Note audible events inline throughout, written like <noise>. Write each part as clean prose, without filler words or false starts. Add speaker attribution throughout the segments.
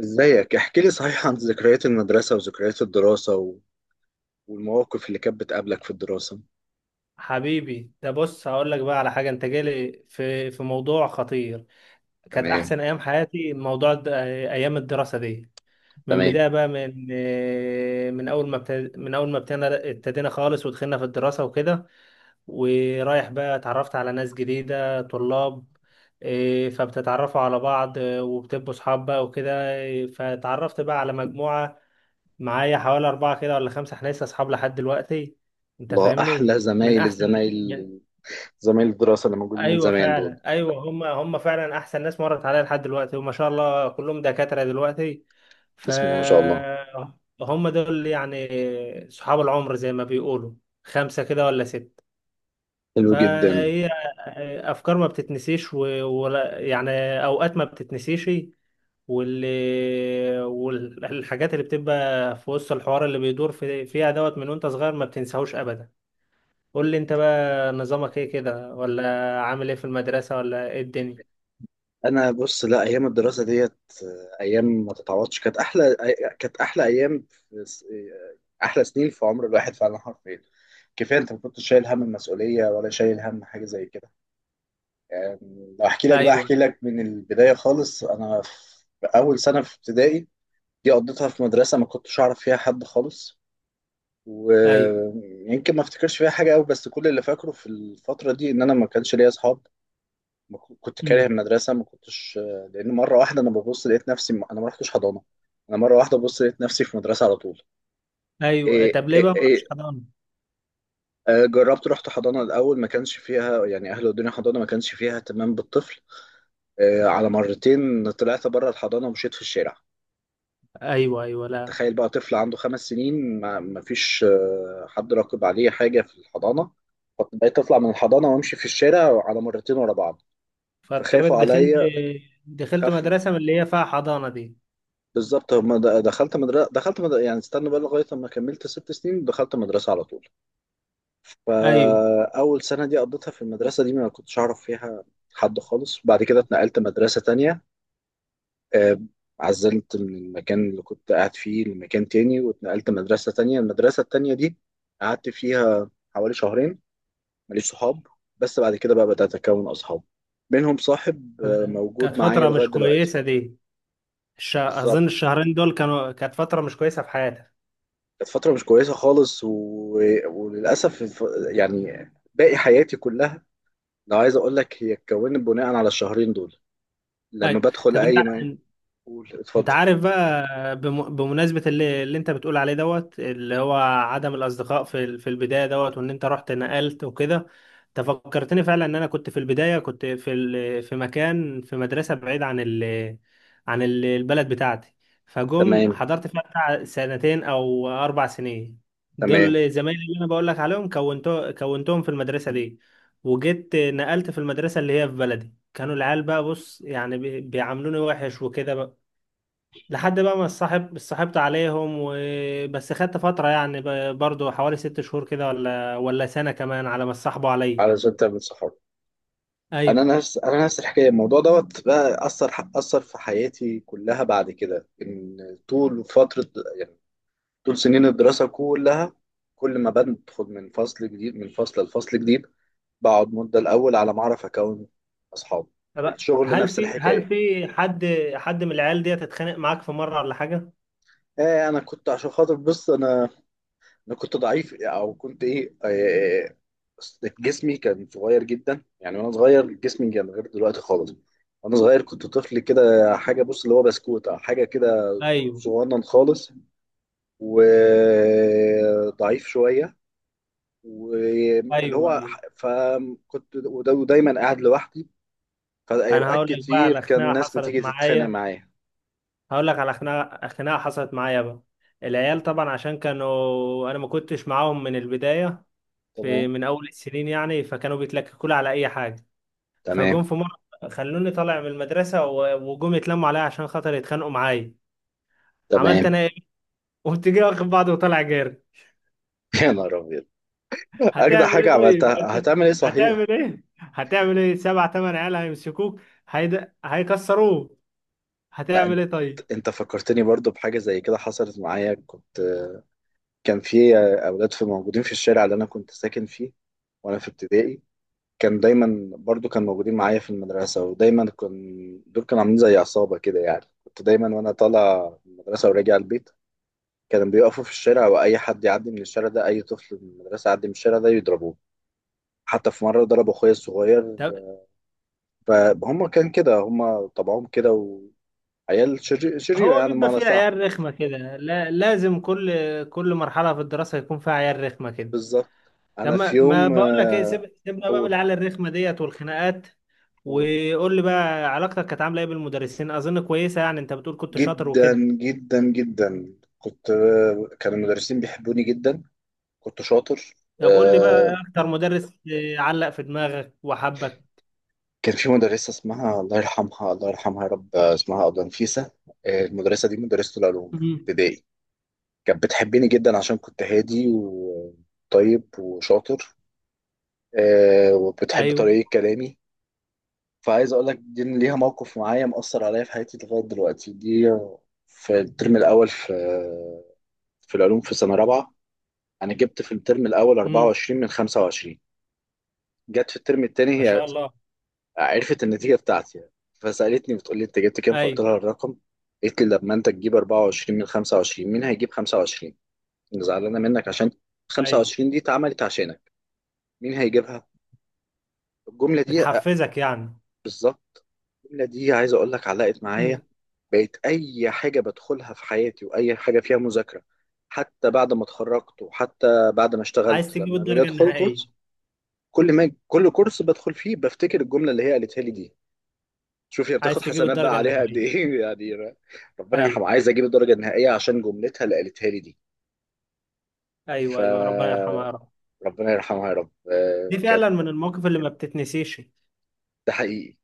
Speaker 1: ازيك، احكي لي صحيح عن ذكريات المدرسة وذكريات الدراسة والمواقف اللي كانت بتقابلك في الدراسة.
Speaker 2: حبيبي ده بص، هقول لك بقى على حاجه. انت جالي في موضوع خطير. كانت
Speaker 1: تمام.
Speaker 2: احسن ايام حياتي، موضوع ايام الدراسه دي. من
Speaker 1: تمام.
Speaker 2: بدايه بقى، من اول ما ابتدينا خالص ودخلنا في الدراسه وكده. ورايح بقى اتعرفت على ناس جديده، طلاب. إيه، فبتتعرفوا على بعض، إيه، وبتبقوا صحاب بقى وكده. إيه، فتعرفت بقى على مجموعه معايا، حوالي اربعه كده ولا خمسه. احنا لسه اصحاب لحد دلوقتي. انت
Speaker 1: الله، أحلى
Speaker 2: فاهمني، من
Speaker 1: زمايل
Speaker 2: احسن...
Speaker 1: الزمايل زمايل الدراسة اللي موجودين من
Speaker 2: ايوه
Speaker 1: زمان دول.
Speaker 2: فعلا، ايوه، هم هم فعلا احسن ناس مرت عليا لحد دلوقتي، وما شاء الله كلهم دكاتره دلوقتي. ف
Speaker 1: بسم الله ما شاء الله.
Speaker 2: هم دول يعني صحاب العمر، زي ما بيقولوا، خمسه كده ولا ست.
Speaker 1: حلو جدا.
Speaker 2: فهي افكار ما بتتنسيش. ولا يعني اوقات ما بتتنسيش. واللي والحاجات اللي بتبقى في وسط الحوار اللي بيدور فيها دوت من وانت صغير، ما بتنساهوش ابدا. قول لي انت بقى، نظامك ايه كده؟ ولا عامل ايه في المدرسه؟ ولا ايه الدنيا؟
Speaker 1: أنا بص، لا، أيام الدراسة ديت، أيام ما تتعوضش، كانت كانت أحلى أيام في... س- آه، أحلى سنين في عمر الواحد فعلا، حرفيا. كفاية أنت ما كنتش شايل هم المسؤولية ولا شايل هم حاجة زي كده. يعني لو احكي لك، بقى
Speaker 2: ايوه.
Speaker 1: احكي لك من البداية خالص. انا في اول سنة في ابتدائي، دي قضيتها في مدرسة ما كنتش اعرف فيها حد خالص،
Speaker 2: ايوه.
Speaker 1: ويمكن ما افتكرش فيها حاجة قوي. بس كل اللي فاكره في الفترة دي ان انا ما كانش ليا اصحاب. ما ك- كنت كاره
Speaker 2: امم.
Speaker 1: المدرسة، ما كنتش، لان مرة واحدة انا ببص لقيت نفسي انا ما رحتش حضانة. انا مرة واحدة ببص لقيت نفسي في مدرسة على طول.
Speaker 2: ايوه،
Speaker 1: إيه،
Speaker 2: طب ليه
Speaker 1: إيه،
Speaker 2: بقى ما رحتش
Speaker 1: إيه،
Speaker 2: حضانه؟
Speaker 1: جربت رحت حضانة الأول، ما كانش فيها يعني أهل الدنيا، حضانة ما كانش فيها اهتمام بالطفل. على مرتين طلعت بره الحضانة ومشيت في الشارع.
Speaker 2: ايوه، ايوه، لا.
Speaker 1: تخيل بقى طفل عنده 5 سنين، ما فيش حد راقب عليه حاجة في الحضانة. فبقيت أطلع من الحضانة وأمشي في الشارع على مرتين ورا بعض،
Speaker 2: فاضطريت
Speaker 1: فخافوا
Speaker 2: دخلت.
Speaker 1: عليا،
Speaker 2: دخلت
Speaker 1: خاف.
Speaker 2: مدرسه من اللي هي فيها حضانه دي.
Speaker 1: بالظبط، هم دخلت مدرسة، يعني استنى بقى لغاية لما كملت 6 سنين دخلت مدرسة على طول.
Speaker 2: ايوه.
Speaker 1: فأول سنة دي قضيتها في المدرسة دي، ما كنتش أعرف فيها حد خالص. بعد كده اتنقلت مدرسة تانية. آه، عزلت من المكان اللي كنت قاعد فيه لمكان تاني، واتنقلت مدرسة تانية. المدرسة التانية دي قعدت فيها حوالي شهرين ماليش صحاب. بس بعد كده بقى بدأت أكون أصحاب، منهم صاحب
Speaker 2: كانت
Speaker 1: موجود معايا
Speaker 2: فتره
Speaker 1: لغاية
Speaker 2: مش
Speaker 1: دلوقتي.
Speaker 2: كويسه دي. اظن
Speaker 1: بالظبط،
Speaker 2: الشهرين دول كانت فتره مش كويسه في حياتك.
Speaker 1: كانت فترة مش كويسة خالص، وللأسف يعني باقي حياتي كلها، لو عايز أقول لك، هي اتكونت بناء على الشهرين دول. لما
Speaker 2: ايوه،
Speaker 1: بدخل
Speaker 2: طب انت.
Speaker 1: أي مكان، قول،
Speaker 2: انت
Speaker 1: اتفضل.
Speaker 2: عارف بقى، بمناسبة اللي انت بتقول عليه دوت، اللي هو عدم الاصدقاء في البداية دوت، وان انت رحت نقلت وكده. انت فكرتني فعلا ان انا كنت في البداية، كنت في مكان، في مدرسة بعيد عن البلد بتاعتي. فجم
Speaker 1: تمام.
Speaker 2: حضرت فيها بتاع سنتين او 4 سنين.
Speaker 1: تمام.
Speaker 2: دول زمايلي اللي انا بقول لك عليهم، كونتهم في المدرسة دي. وجيت نقلت في المدرسة اللي هي في بلدي، كانوا العيال بقى، بص يعني، بيعاملوني وحش وكده. لحد بقى ما الصاحب اتصاحبت عليهم. وبس خدت فترة يعني، برضو حوالي 6 شهور كده، ولا سنة كمان على ما اتصاحبوا عليا.
Speaker 1: علشان تعمل صحاب. انا
Speaker 2: ايوه،
Speaker 1: نفس انا نفس الحكايه، الموضوع دوت بقى اثر في حياتي كلها بعد كده، ان طول فتره، يعني طول سنين الدراسه كلها، كل ما بدخل من فصل جديد، من فصل لفصل جديد، بقعد مده الاول على ما اعرف اكون اصحاب.
Speaker 2: طب
Speaker 1: الشغل
Speaker 2: هل
Speaker 1: نفس
Speaker 2: في هل
Speaker 1: الحكايه.
Speaker 2: في حد من العيال دي اتخانق معاك في مرة ولا حاجة؟
Speaker 1: ايه، انا كنت عشان خاطر، بص، انا كنت ضعيف، او كنت ايه، جسمي كان صغير جدا يعني. وانا صغير جسمي كان غير دلوقتي خالص. وانا صغير كنت طفل كده، حاجه، بص، اللي هو بسكوت او حاجه كده،
Speaker 2: ايوه،
Speaker 1: صغنن خالص وضعيف شويه، واللي
Speaker 2: ايوه،
Speaker 1: هو
Speaker 2: ايوه.
Speaker 1: فكنت ودايما قاعد لوحدي.
Speaker 2: انا
Speaker 1: فاوقات
Speaker 2: هقول لك بقى
Speaker 1: كتير
Speaker 2: على
Speaker 1: كان
Speaker 2: خناقة
Speaker 1: الناس بتيجي
Speaker 2: حصلت
Speaker 1: تتخانق
Speaker 2: معايا.
Speaker 1: معايا.
Speaker 2: هقول لك على خناقة حصلت معايا بقى. العيال طبعا، عشان كانوا، انا ما كنتش معاهم من البداية، في
Speaker 1: تمام.
Speaker 2: من اول السنين يعني، فكانوا بيتلككوا لي على اي حاجة. فجم
Speaker 1: تمام.
Speaker 2: في مرة خلوني طالع من المدرسة، وجم يتلموا عليا عشان خاطر يتخانقوا معايا. عملت
Speaker 1: تمام.
Speaker 2: انا ايه؟ <laughs> قمت جاي واخد بعض وطالع جاري.
Speaker 1: <laughs> يا نهار ابيض! اجدع
Speaker 2: هتعمل
Speaker 1: حاجه
Speaker 2: ايه طيب؟ <laughs>
Speaker 1: عملتها،
Speaker 2: أنت
Speaker 1: هتعمل ايه صحيح.
Speaker 2: هتعمل ايه؟ هتعمل ايه؟ سبع تمن عيال هيمسكوك. هيكسروك.
Speaker 1: لا،
Speaker 2: هتعمل ايه طيب؟
Speaker 1: انت فكرتني برضو بحاجة زي كده حصلت معايا. كنت، كان في اولاد في موجودين في الشارع اللي انا كنت ساكن فيه، وانا في ابتدائي، كان دايما برضو كان موجودين معايا في المدرسة، ودايما كان دول كانوا عاملين زي عصابة كده. يعني كنت دايما وانا طالع من المدرسة وراجع البيت، كانوا بيقفوا في الشارع، واي حد يعدي من الشارع ده، اي طفل من المدرسة يعدي من الشارع ده يضربوه. حتى في مرة ضربوا اخويا الصغير.
Speaker 2: طب
Speaker 1: فهم كان كده، هم طبعهم كده، وعيال شريرة،
Speaker 2: هو
Speaker 1: يعني
Speaker 2: بيبقى
Speaker 1: بمعنى
Speaker 2: فيه
Speaker 1: صح.
Speaker 2: عيال رخمة كده. لا... لازم كل مرحلة في الدراسة يكون فيها عيال رخمة كده.
Speaker 1: بالظبط. انا في
Speaker 2: لما ما
Speaker 1: يوم،
Speaker 2: بقول لك ايه، سيبنا بقى من
Speaker 1: اول،
Speaker 2: العيال الرخمه ديت والخناقات.
Speaker 1: اول
Speaker 2: وقول لي بقى، علاقتك كانت عامله ايه بالمدرسين؟ اظن كويسه يعني، انت بتقول كنت شاطر
Speaker 1: جدا
Speaker 2: وكده.
Speaker 1: جدا جدا كنت، كان المدرسين بيحبوني جدا. كنت شاطر.
Speaker 2: طب قول لي بقى،
Speaker 1: آه،
Speaker 2: اكتر مدرس علق في دماغك وحبك.
Speaker 1: كان في مدرسة اسمها، الله يرحمها، الله يرحمها يا رب، اسمها أبلة نفيسة. المدرسة دي مدرسة العلوم في
Speaker 2: امم.
Speaker 1: ابتدائي. كانت بتحبني جدا عشان كنت هادي وطيب وشاطر. وبتحب
Speaker 2: ايوه.
Speaker 1: طريقة كلامي. فعايز اقول لك، دي ليها موقف معايا مأثر عليا في حياتي لغايه دلوقتي دي. في الترم الاول، في في العلوم في سنه رابعه، انا جبت في الترم الاول
Speaker 2: امم.
Speaker 1: 24 من 25. جت في الترم
Speaker 2: ما
Speaker 1: الثاني هي،
Speaker 2: شاء الله.
Speaker 1: عرفت النتيجه بتاعتي يعني، فسالتني بتقول لي انت جبت كام، فقلت
Speaker 2: ايوه.
Speaker 1: لها الرقم. قالت لي لما انت تجيب 24 من 25، مين هيجيب 25؟ أنا زعلانه منك، عشان
Speaker 2: ايوه.
Speaker 1: 25 دي اتعملت عشانك، مين هيجيبها؟ الجمله دي،
Speaker 2: بتحفزك يعني.
Speaker 1: بالظبط، الجمله دي عايز اقول لك علقت معايا.
Speaker 2: امم.
Speaker 1: بقيت اي حاجه بدخلها في حياتي، واي حاجه فيها مذاكره، حتى بعد ما اتخرجت، وحتى بعد ما
Speaker 2: عايز
Speaker 1: اشتغلت،
Speaker 2: تجيب
Speaker 1: لما باجي
Speaker 2: الدرجه
Speaker 1: ادخل
Speaker 2: النهائيه.
Speaker 1: كورس، كل ما كل كورس بدخل فيه بفتكر الجمله اللي هي قالتها لي دي. شوف هي بتاخد
Speaker 2: عايز تجيب
Speaker 1: حسنات
Speaker 2: الدرجه
Speaker 1: بقى عليها قد
Speaker 2: النهائيه.
Speaker 1: ايه <laughs> يعني ربنا
Speaker 2: ايوه.
Speaker 1: يرحمها. عايز اجيب الدرجه النهائيه عشان جملتها اللي قالتها لي دي.
Speaker 2: ايوه، ايوه، ربنا يرحمها يا
Speaker 1: فربنا
Speaker 2: رب.
Speaker 1: يرحمها يا رب،
Speaker 2: دي
Speaker 1: كانت.
Speaker 2: فعلا من المواقف اللي ما بتتنسيش.
Speaker 1: ده حقيقي.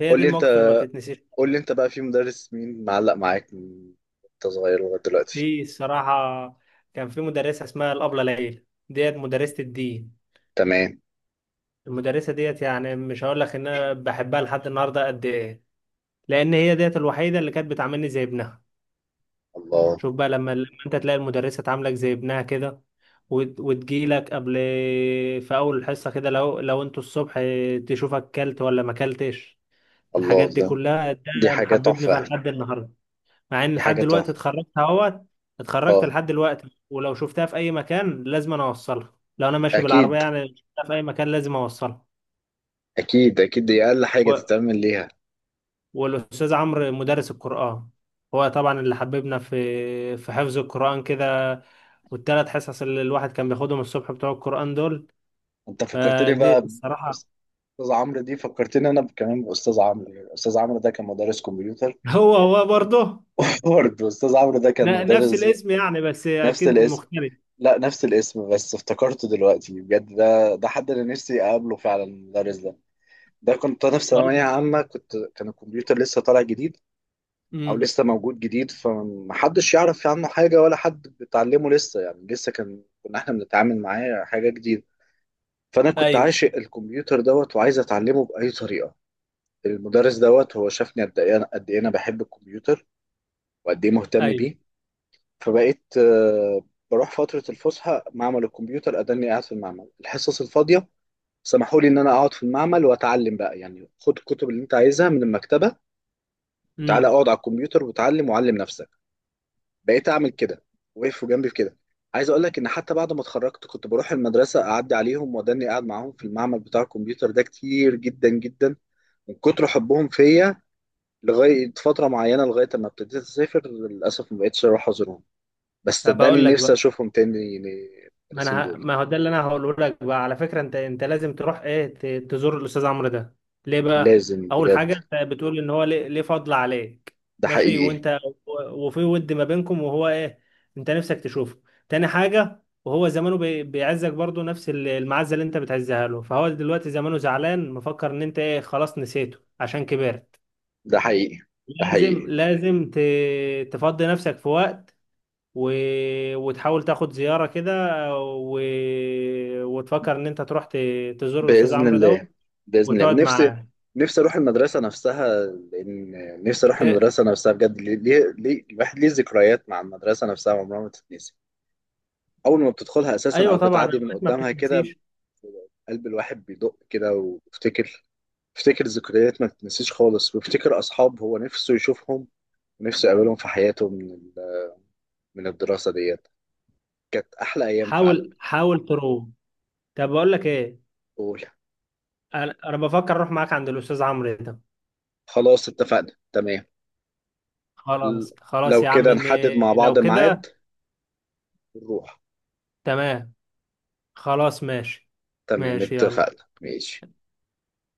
Speaker 2: هي
Speaker 1: قول
Speaker 2: دي
Speaker 1: لي انت،
Speaker 2: المواقف اللي ما بتتنسيش.
Speaker 1: بقى في مدرس مين معلق معاك من انت صغير لغايه دلوقتي.
Speaker 2: في الصراحة كان في مدرسة اسمها الأبلة ليلى، ديت مدرسة الدين.
Speaker 1: تمام.
Speaker 2: المدرسة ديت يعني، مش هقول لك إن أنا بحبها لحد النهاردة قد إيه. لأن هي ديت الوحيدة اللي كانت بتعاملني زي ابنها.
Speaker 1: الله،
Speaker 2: شوف بقى، لما أنت تلاقي المدرسة تعاملك زي ابنها كده، وتجيلك قبل، في أول الحصة كده، لو أنتوا الصبح تشوفك كلت ولا ما كلتش.
Speaker 1: الله.
Speaker 2: الحاجات دي
Speaker 1: ده،
Speaker 2: كلها، ده
Speaker 1: دي حاجة
Speaker 2: محببني فيها
Speaker 1: تحفة.
Speaker 2: لحد النهاردة. مع ان
Speaker 1: دي
Speaker 2: لحد
Speaker 1: حاجة
Speaker 2: دلوقتي
Speaker 1: تحفة.
Speaker 2: اتخرجت اهوت، اتخرجت
Speaker 1: اه.
Speaker 2: لحد دلوقتي، ولو شفتها في اي مكان لازم انا اوصلها. لو انا ماشي بالعربيه
Speaker 1: أكيد.
Speaker 2: يعني، شفتها في اي مكان لازم اوصلها.
Speaker 1: أكيد أكيد، دي أقل
Speaker 2: و...
Speaker 1: حاجة تتعمل ليها.
Speaker 2: والاستاذ عمرو مدرس القران، هو طبعا اللي حببنا في حفظ القران كده، والثلاث حصص اللي الواحد كان بياخدهم الصبح بتوع القران دول.
Speaker 1: أنت فكرتني
Speaker 2: فدي
Speaker 1: بقى
Speaker 2: الصراحه.
Speaker 1: بأستاذ عمرو. دي فكرتني أنا كمان بأستاذ عمرو، أستاذ عمرو ده كان مدرس كمبيوتر.
Speaker 2: <laughs> هو هو برضه.
Speaker 1: <laughs> برضه أستاذ عمرو ده كان
Speaker 2: نفس
Speaker 1: مدرس،
Speaker 2: الاسم يعني، بس
Speaker 1: نفس
Speaker 2: اكيد
Speaker 1: الاسم.
Speaker 2: مختلف.
Speaker 1: لا، نفس الاسم، بس افتكرته دلوقتي بجد، ده حد أنا نفسي أقابله فعلا، المدرس ده. ده كنت أنا في ثانوية عامة، كان الكمبيوتر لسه طالع جديد، او
Speaker 2: امم.
Speaker 1: لسه موجود جديد، فمحدش يعرف عنه حاجه، ولا حد بيتعلمه لسه. يعني لسه كنا احنا بنتعامل معاه حاجه جديده. فانا كنت
Speaker 2: ايوه.
Speaker 1: عاشق الكمبيوتر دوت، وعايز اتعلمه باي طريقه. المدرس دوت هو شافني قد ايه انا بحب الكمبيوتر، وقد ايه مهتم
Speaker 2: ايوه.
Speaker 1: بيه. فبقيت، بروح فتره الفسحه معمل الكمبيوتر، اداني قاعد في المعمل الحصص الفاضيه. سمحوا لي ان انا اقعد في المعمل واتعلم بقى، يعني خد الكتب اللي انت عايزها من المكتبه، وتعالى
Speaker 2: امم.
Speaker 1: اقعد على الكمبيوتر وتعلم وعلم نفسك. بقيت اعمل كده، وقفوا جنبي في كده. عايز اقول لك ان حتى بعد ما اتخرجت، كنت بروح المدرسه اعدي عليهم، واداني قاعد معاهم في المعمل بتاع الكمبيوتر ده كتير جدا جدا، من كتر حبهم فيا، لغايه فتره معينه، لغايه ما ابتديت اسافر، للاسف ما بقتش اروح ازورهم. بس
Speaker 2: بقول
Speaker 1: صدقني
Speaker 2: لك
Speaker 1: نفسي
Speaker 2: بقى،
Speaker 1: اشوفهم تاني يعني، المدرسين دول.
Speaker 2: ما هو ده اللي انا هقوله لك بقى على فكره. انت لازم تروح ايه، تزور الاستاذ عمرو ده. ليه بقى؟
Speaker 1: لازم
Speaker 2: اول حاجه،
Speaker 1: بجد.
Speaker 2: انت بتقول ان هو ليه فضل عليك.
Speaker 1: ده
Speaker 2: ماشي.
Speaker 1: حقيقي.
Speaker 2: وانت وفي ود ما بينكم، وهو ايه، انت نفسك تشوفه. تاني حاجه، وهو زمانه بيعزك برضه نفس المعزه اللي انت بتعزها له. فهو دلوقتي زمانه زعلان، مفكر ان انت ايه، خلاص نسيته عشان كبرت.
Speaker 1: ده حقيقي. ده
Speaker 2: لازم
Speaker 1: حقيقي.
Speaker 2: لازم تفضي نفسك في وقت، و... وتحاول تاخد زيارة كده، و... وتفكر ان انت تروح تزور الاستاذ
Speaker 1: بإذن
Speaker 2: عمرو
Speaker 1: الله.
Speaker 2: ده
Speaker 1: بإذن الله،
Speaker 2: وتقعد
Speaker 1: ونفسي،
Speaker 2: معاه.
Speaker 1: نفسي أروح المدرسة نفسها، لأن نفسي أروح
Speaker 2: ت...
Speaker 1: المدرسة نفسها بجد. ليه، ليه، الواحد ليه ذكريات مع المدرسة نفسها عمرها ما تتنسي. أول ما بتدخلها أساسا،
Speaker 2: ايوه
Speaker 1: أو
Speaker 2: طبعا،
Speaker 1: بتعدي من
Speaker 2: اوقات ما
Speaker 1: قدامها كده،
Speaker 2: بتتنسيش.
Speaker 1: قلب الواحد بيدق كده وبيفتكر. بيفتكر ذكريات ما تتنسيش خالص، وبيفتكر أصحاب هو نفسه يشوفهم، ونفسه يقابلهم في حياته، من الدراسة ديت. كانت أحلى أيام فعلا.
Speaker 2: حاول حاول تروح. طب بقول لك ايه،
Speaker 1: قول.
Speaker 2: أنا بفكر اروح معاك عند الاستاذ عمرو ده.
Speaker 1: خلاص، اتفقنا. تمام. ل-
Speaker 2: خلاص خلاص
Speaker 1: لو
Speaker 2: يا عم،
Speaker 1: كده نحدد مع بعض
Speaker 2: لو كده.
Speaker 1: ميعاد، ونروح.
Speaker 2: تمام. خلاص ماشي.
Speaker 1: تمام
Speaker 2: ماشي يلا.
Speaker 1: اتفقنا، ماشي.